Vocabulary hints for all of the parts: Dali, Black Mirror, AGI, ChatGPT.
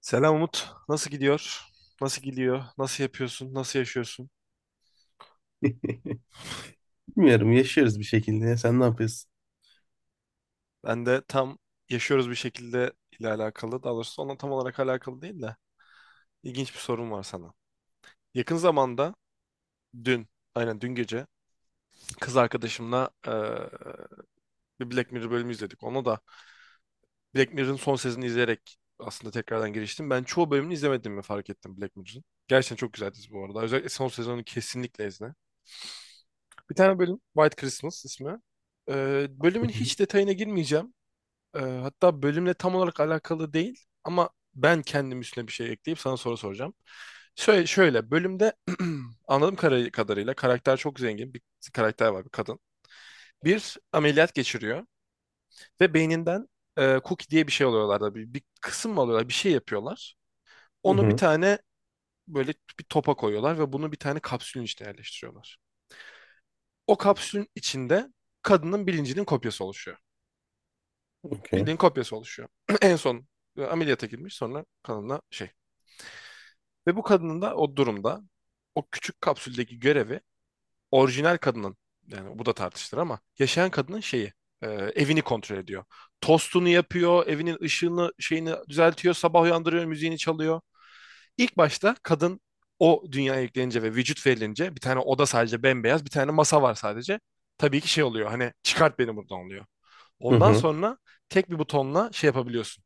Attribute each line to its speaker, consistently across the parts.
Speaker 1: Selam Umut. Nasıl gidiyor? Nasıl gidiyor? Nasıl yapıyorsun? Nasıl yaşıyorsun?
Speaker 2: Bilmiyorum, yaşıyoruz bir şekilde ya. Sen ne yapıyorsun?
Speaker 1: Ben de tam yaşıyoruz bir şekilde ile alakalı. Daha doğrusu onunla tam olarak alakalı değil de ilginç bir sorum var sana. Yakın zamanda dün, aynen dün gece kız arkadaşımla bir Black Mirror bölümü izledik. Ona da Black Mirror'ın son sezonunu izleyerek aslında tekrardan giriştim. Ben çoğu bölümünü izlemedim, izlemediğimi fark ettim Black Mirror'ın. Gerçekten çok güzel dizi bu arada. Özellikle son sezonu kesinlikle izle. Bir tane bölüm White Christmas ismi.
Speaker 2: Hı
Speaker 1: Bölümün
Speaker 2: hı.
Speaker 1: hiç detayına girmeyeceğim. Hatta bölümle tam olarak alakalı değil ama ben kendim üstüne bir şey ekleyip sana soru soracağım. Şöyle, şöyle bölümde anladığım kadarıyla karakter çok zengin bir karakter var, bir kadın. Bir ameliyat geçiriyor ve beyninden cookie diye bir şey alıyorlar da bir kısım mı alıyorlar, bir şey yapıyorlar.
Speaker 2: Hı
Speaker 1: Onu bir
Speaker 2: hı.
Speaker 1: tane böyle bir topa koyuyorlar ve bunu bir tane kapsülün içine yerleştiriyorlar. O kapsülün içinde kadının bilincinin kopyası oluşuyor.
Speaker 2: Okey.
Speaker 1: Bildiğin kopyası oluşuyor. En son ameliyata girmiş, sonra kanına şey. Ve bu kadının da o durumda o küçük kapsüldeki görevi orijinal kadının, yani bu da tartışılır ama yaşayan kadının şeyi, evini kontrol ediyor. Tostunu yapıyor, evinin ışığını şeyini düzeltiyor, sabah uyandırıyor, müziğini çalıyor. İlk başta kadın o dünyaya yüklenince ve vücut verilince bir tane oda sadece bembeyaz, bir tane masa var sadece. Tabii ki şey oluyor, hani çıkart beni buradan oluyor.
Speaker 2: Hı
Speaker 1: Ondan
Speaker 2: hı.
Speaker 1: sonra tek bir butonla şey yapabiliyorsun.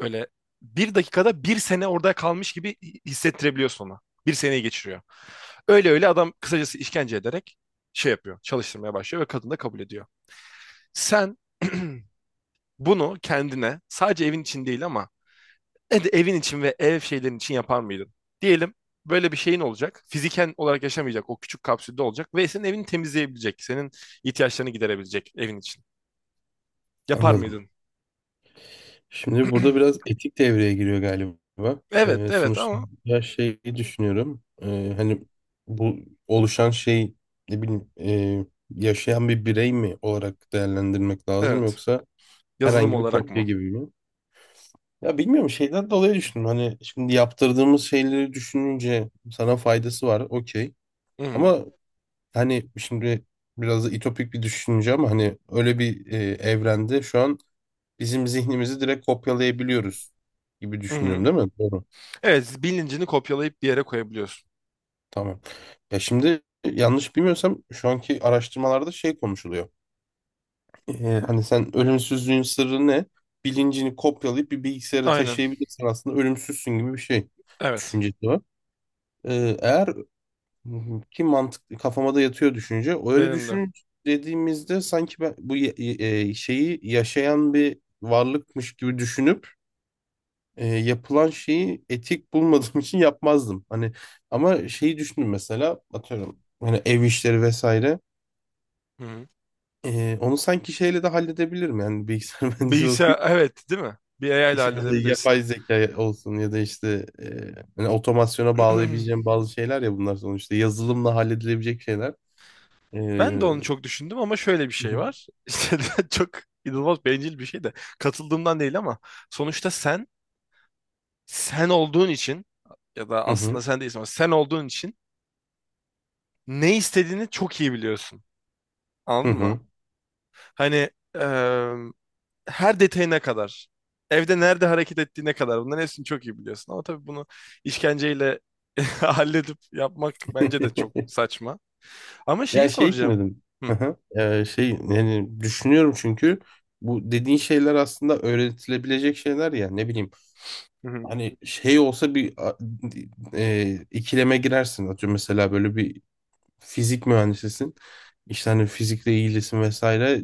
Speaker 1: Böyle bir dakikada bir sene orada kalmış gibi hissettirebiliyorsun ona. Bir seneyi geçiriyor. Öyle öyle adam kısacası işkence ederek şey yapıyor. Çalıştırmaya başlıyor ve kadın da kabul ediyor. Sen bunu kendine sadece evin için değil ama ne de evin için ve ev şeylerin için yapar mıydın? Diyelim böyle bir şeyin olacak. Fiziken olarak yaşamayacak. O küçük kapsülde olacak. Ve senin evini temizleyebilecek. Senin ihtiyaçlarını giderebilecek evin için. Yapar
Speaker 2: Anladım.
Speaker 1: mıydın?
Speaker 2: Şimdi burada biraz etik devreye giriyor galiba.
Speaker 1: Evet, evet
Speaker 2: Sonuçta
Speaker 1: ama
Speaker 2: ya şeyi düşünüyorum. Hani bu oluşan şey ne bileyim yaşayan bir birey mi olarak değerlendirmek lazım,
Speaker 1: evet.
Speaker 2: yoksa
Speaker 1: Yazılım
Speaker 2: herhangi bir
Speaker 1: olarak
Speaker 2: kopya
Speaker 1: mı?
Speaker 2: gibi mi? Ya bilmiyorum, şeyden dolayı düşündüm. Hani şimdi yaptırdığımız şeyleri düşününce sana faydası var. Okey.
Speaker 1: Hı hı.
Speaker 2: Ama hani şimdi biraz da ütopik bir düşünce ama hani öyle bir evrende şu an bizim zihnimizi direkt kopyalayabiliyoruz gibi
Speaker 1: Hı
Speaker 2: düşünüyorum
Speaker 1: hı.
Speaker 2: değil mi? Doğru.
Speaker 1: Evet, bilincini kopyalayıp bir yere koyabiliyorsun.
Speaker 2: Tamam. Ya şimdi yanlış bilmiyorsam şu anki araştırmalarda şey konuşuluyor. E, hani sen ölümsüzlüğün sırrı ne? Bilincini kopyalayıp bir bilgisayara
Speaker 1: Aynen.
Speaker 2: taşıyabilirsin, aslında ölümsüzsün gibi bir şey
Speaker 1: Evet.
Speaker 2: düşüncesi var. E, eğer Hı hı. Ki mantıklı, kafama da yatıyor düşünce. Öyle
Speaker 1: Benim de.
Speaker 2: düşünün dediğimizde sanki ben bu şeyi yaşayan bir varlıkmış gibi düşünüp yapılan şeyi etik bulmadığım için yapmazdım. Hani ama şeyi düşündüm, mesela atıyorum hani ev işleri vesaire.
Speaker 1: Hı hı.
Speaker 2: Onu sanki şeyle de halledebilirim, yani bilgisayar mühendisliği okuyup
Speaker 1: Bilgisayar, evet, değil mi? Bir AI ile
Speaker 2: işte mesela
Speaker 1: halledebilirsin.
Speaker 2: yapay zeka olsun ya da işte hani otomasyona bağlayabileceğim bazı şeyler ya, bunlar sonuçta yazılımla halledilebilecek şeyler. E,
Speaker 1: Ben de onu çok düşündüm ama şöyle bir şey var. İşte çok inanılmaz bencil bir şey de katıldığımdan değil ama sonuçta sen, sen olduğun için ya da
Speaker 2: Hı hı.
Speaker 1: aslında sen değilsin ama sen olduğun için ne istediğini çok iyi biliyorsun.
Speaker 2: Hı
Speaker 1: Anladın mı?
Speaker 2: hı.
Speaker 1: Hani her detayına kadar. Evde nerede hareket ettiğine kadar. Bunların hepsini çok iyi biliyorsun. Ama tabii bunu işkenceyle halledip yapmak bence de çok saçma. Ama şeyi
Speaker 2: Ya şey için
Speaker 1: soracağım.
Speaker 2: dedim. Hı
Speaker 1: Hı.
Speaker 2: hı. Şey yani düşünüyorum çünkü bu dediğin şeyler aslında öğretilebilecek şeyler ya, ne bileyim
Speaker 1: Hı hı.
Speaker 2: hani şey olsa bir ikileme girersin, atıyorum mesela böyle bir fizik mühendisisin, işte hani fizikle ilgilisin vesaire,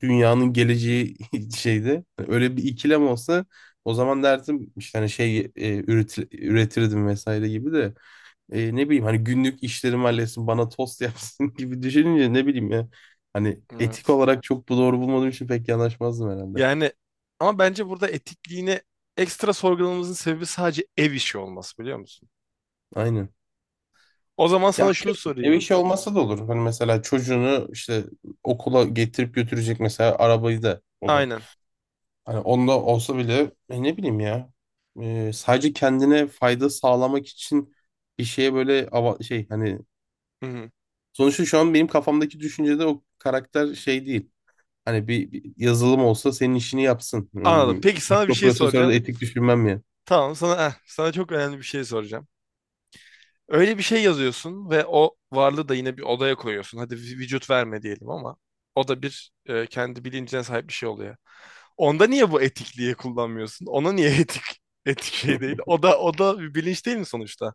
Speaker 2: dünyanın geleceği şeyde. Hani öyle bir ikilem olsa o zaman derdim işte hani şey üretirdim vesaire gibi de ne bileyim hani günlük işlerimi halletsin, bana tost yapsın gibi düşününce, ne bileyim ya. Hani etik
Speaker 1: Evet.
Speaker 2: olarak çok bu doğru bulmadığım için pek yanaşmazdım herhalde.
Speaker 1: Yani ama bence burada etikliğini ekstra sorgulamamızın sebebi sadece ev işi olması, biliyor musun?
Speaker 2: Aynen.
Speaker 1: O zaman
Speaker 2: Ya
Speaker 1: sana şunu
Speaker 2: ev
Speaker 1: sorayım.
Speaker 2: işi olmasa da olur. Hani mesela çocuğunu işte okula getirip götürecek, mesela arabayı da ona.
Speaker 1: Aynen.
Speaker 2: Hani onda olsa bile ne bileyim ya. Sadece kendine fayda sağlamak için bir şeye böyle şey, hani
Speaker 1: Hı hı.
Speaker 2: sonuçta şu an benim kafamdaki düşüncede o karakter şey değil. Hani bir yazılım olsa senin işini yapsın.
Speaker 1: Anladım. Peki sana bir şey
Speaker 2: Mikroprosesörde
Speaker 1: soracağım.
Speaker 2: etik düşünmem ya.
Speaker 1: Tamam, sana sana çok önemli bir şey soracağım. Öyle bir şey yazıyorsun ve o varlığı da yine bir odaya koyuyorsun. Hadi vücut verme diyelim ama o da bir kendi bilincine sahip bir şey oluyor. Onda niye bu etikliği kullanmıyorsun? Ona niye etik şey değil? O da bir bilinç değil mi sonuçta?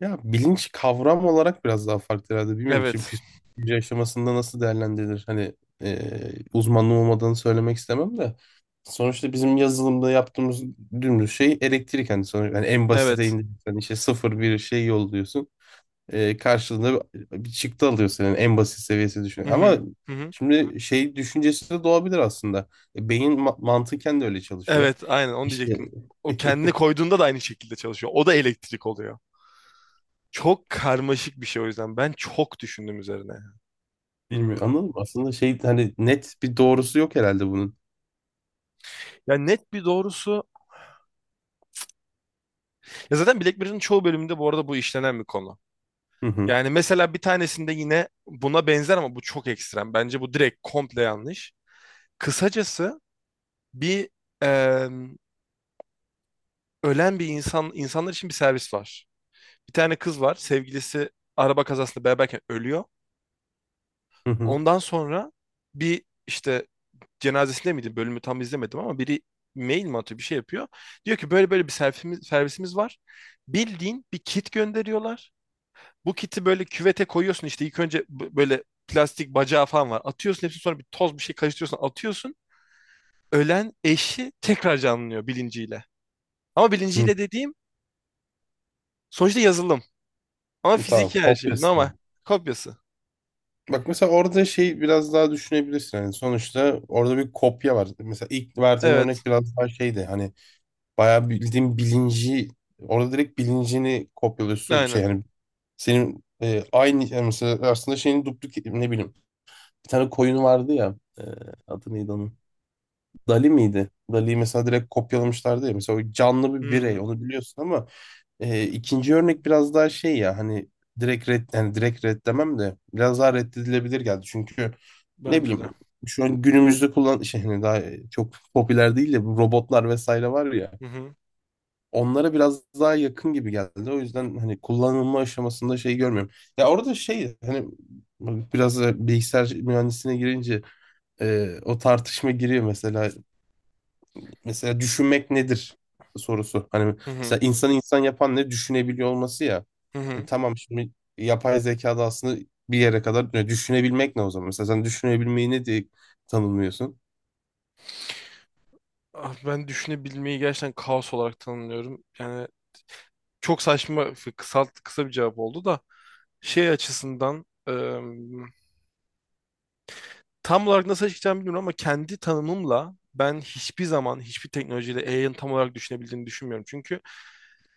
Speaker 2: Ya bilinç kavram olarak biraz daha farklı herhalde, bilmiyorum. Şimdi
Speaker 1: Evet.
Speaker 2: psikoloji aşamasında nasıl değerlendirilir? Hani e, uzmanlığım olmadığını söylemek istemem de. Sonuçta bizim yazılımda yaptığımız dümdüz şey elektrik. Hani sonuçta yani en basite
Speaker 1: Evet.
Speaker 2: indirsen işte sıfır bir şey yolluyorsun. Karşılığında bir çıktı alıyor, senin en basit seviyesi düşün.
Speaker 1: Hı
Speaker 2: Ama
Speaker 1: hı. Hı hı.
Speaker 2: şimdi şey düşüncesi de doğabilir aslında. Beyin mantıken de öyle çalışıyor.
Speaker 1: Evet, aynen onu
Speaker 2: İşte
Speaker 1: diyecektim. O kendini koyduğunda da aynı şekilde çalışıyor. O da elektrik oluyor. Çok karmaşık bir şey o yüzden. Ben çok düşündüm üzerine. Bilmiyorum.
Speaker 2: Anladım. Aslında şey hani net bir doğrusu yok herhalde bunun.
Speaker 1: Ya net bir doğrusu. Ya zaten Black Mirror'ın çoğu bölümünde bu arada bu işlenen bir konu.
Speaker 2: Hı hı.
Speaker 1: Yani mesela bir tanesinde yine buna benzer ama bu çok ekstrem. Bence bu direkt komple yanlış. Kısacası bir eee, ölen bir insan, insanlar için bir servis var. Bir tane kız var. Sevgilisi araba kazasında beraberken ölüyor.
Speaker 2: Hı hı.
Speaker 1: Ondan sonra bir işte cenazesinde miydi? Bölümü tam izlemedim ama biri mail mi atıyor, bir şey yapıyor. Diyor ki böyle böyle bir servisimiz var. Bildiğin bir kit gönderiyorlar. Bu kiti böyle küvete koyuyorsun işte ilk önce böyle plastik bacağı falan var. Atıyorsun hepsini, sonra bir toz bir şey karıştırıyorsun, atıyorsun. Ölen eşi tekrar canlanıyor bilinciyle. Ama
Speaker 2: Hı.
Speaker 1: bilinciyle dediğim sonuçta yazılım. Ama
Speaker 2: Tamam.
Speaker 1: fiziki her şey.
Speaker 2: Kopyası,
Speaker 1: Normal.
Speaker 2: yani.
Speaker 1: Kopyası.
Speaker 2: Bak mesela orada şey biraz daha düşünebilirsin. Yani sonuçta orada bir kopya var. Mesela ilk verdiğin
Speaker 1: Evet.
Speaker 2: örnek biraz daha şeydi. Hani bayağı bildiğin bilinci, orada direkt bilincini kopyalıyorsun, şey
Speaker 1: Aynen.
Speaker 2: yani senin aynı yani mesela aslında şeyin duplik ne bileyim, bir tane koyun vardı ya adı neydi onun, Dali miydi? Dali'yi mesela direkt kopyalamışlardı ya, mesela o canlı bir birey
Speaker 1: Hmm,
Speaker 2: onu biliyorsun ama ikinci örnek biraz daha şey ya hani direkt red, yani direkt reddemem de biraz daha reddedilebilir geldi çünkü ne
Speaker 1: bence
Speaker 2: bileyim
Speaker 1: de.
Speaker 2: şu an günümüzde kullan şey, hani daha çok popüler değil de bu robotlar vesaire var ya,
Speaker 1: Hı hı.
Speaker 2: onlara biraz daha yakın gibi geldi. O yüzden hani kullanılma aşamasında şey görmüyorum. Ya orada şey hani biraz da bilgisayar mühendisliğine girince o tartışma giriyor mesela. Mesela düşünmek nedir sorusu. Hani
Speaker 1: Hı
Speaker 2: mesela
Speaker 1: hı.
Speaker 2: insan insan yapan ne, düşünebiliyor olması ya.
Speaker 1: Hı hı.
Speaker 2: Tamam şimdi yapay zekada aslında bir yere kadar düşünebilmek ne o zaman? Mesela sen düşünebilmeyi ne diye tanımlıyorsun?
Speaker 1: Ah, ben düşünebilmeyi gerçekten kaos olarak tanımlıyorum. Yani çok saçma, kısa, kısa bir cevap oldu da şey açısından tam olarak nasıl açıklayacağımı bilmiyorum, ama kendi tanımımla ben hiçbir zaman hiçbir teknolojiyle AI'ın tam olarak düşünebildiğini düşünmüyorum. Çünkü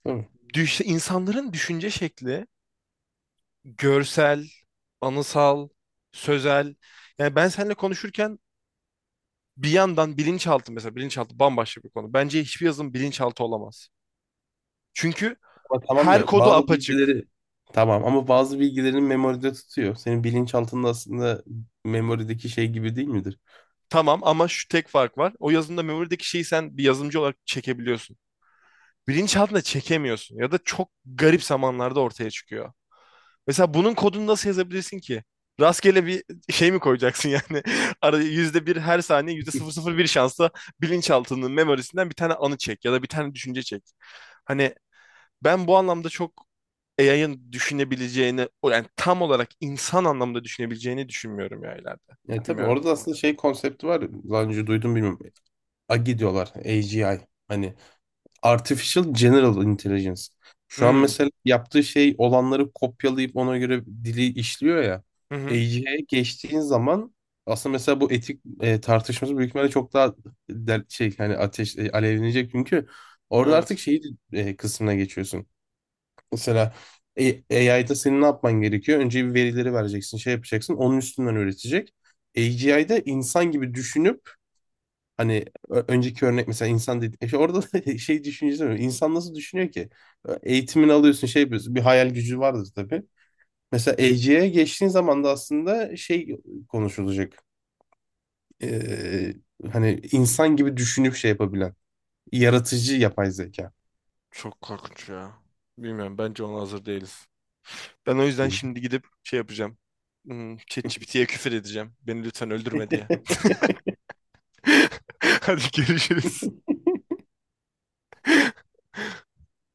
Speaker 2: Değil mi?
Speaker 1: insanların düşünce şekli görsel, anısal, sözel. Yani ben seninle konuşurken bir yandan bilinçaltı, mesela bilinçaltı bambaşka bir konu. Bence hiçbir yazılım bilinçaltı olamaz. Çünkü
Speaker 2: Ama tamam
Speaker 1: her
Speaker 2: da
Speaker 1: kodu
Speaker 2: bazı
Speaker 1: apaçık.
Speaker 2: bilgileri, tamam ama bazı bilgilerin memoride tutuyor. Senin bilinçaltında aslında memorideki şey gibi değil midir?
Speaker 1: Tamam ama şu tek fark var. O yazılımda memory'deki şeyi sen bir yazılımcı olarak çekebiliyorsun. Bilinçaltına çekemiyorsun ya da çok garip zamanlarda ortaya çıkıyor. Mesela bunun kodunu nasıl yazabilirsin ki? Rastgele bir şey mi koyacaksın yani? Ara yüzde bir, her saniye yüzde sıfır sıfır bir şansla bilinçaltının memorisinden bir tane anı çek ya da bir tane düşünce çek. Hani ben bu anlamda çok AI'ın düşünebileceğini, o yani tam olarak insan anlamda düşünebileceğini düşünmüyorum ya ileride.
Speaker 2: Yani tabii
Speaker 1: Bilmiyorum.
Speaker 2: orada aslında şey konsepti var. Daha önce duydum, bilmiyorum. AGI diyorlar. A G I. Hani Artificial General Intelligence. Şu an
Speaker 1: Hmm.
Speaker 2: mesela yaptığı şey olanları kopyalayıp ona göre dili işliyor ya.
Speaker 1: Hı hı.
Speaker 2: AI'ye geçtiğin zaman aslında mesela bu etik tartışması büyük ihtimalle çok daha şey hani ateş alevlenecek çünkü orada artık
Speaker 1: Evet.
Speaker 2: şeyi kısmına geçiyorsun. Mesela AI'da senin ne yapman gerekiyor? Önce bir verileri vereceksin, şey yapacaksın. Onun üstünden öğretecek. AGI'de insan gibi düşünüp, hani önceki örnek mesela insan dedi, işte orada da şey düşüncesi var. İnsan nasıl düşünüyor ki? Eğitimini alıyorsun, şey yapıyorsun. Bir hayal gücü vardır tabii. Mesela EC'ye geçtiğin zaman da aslında şey konuşulacak. Ee, hani insan gibi düşünüp şey yapabilen. Yaratıcı yapay zeka.
Speaker 1: Çok korkunç ya. Bilmiyorum. Bence ona hazır değiliz. Ben o yüzden şimdi gidip şey yapacağım. Hmm, ChatGPT'ye küfür edeceğim. Beni lütfen öldürme diye. Hadi görüşürüz.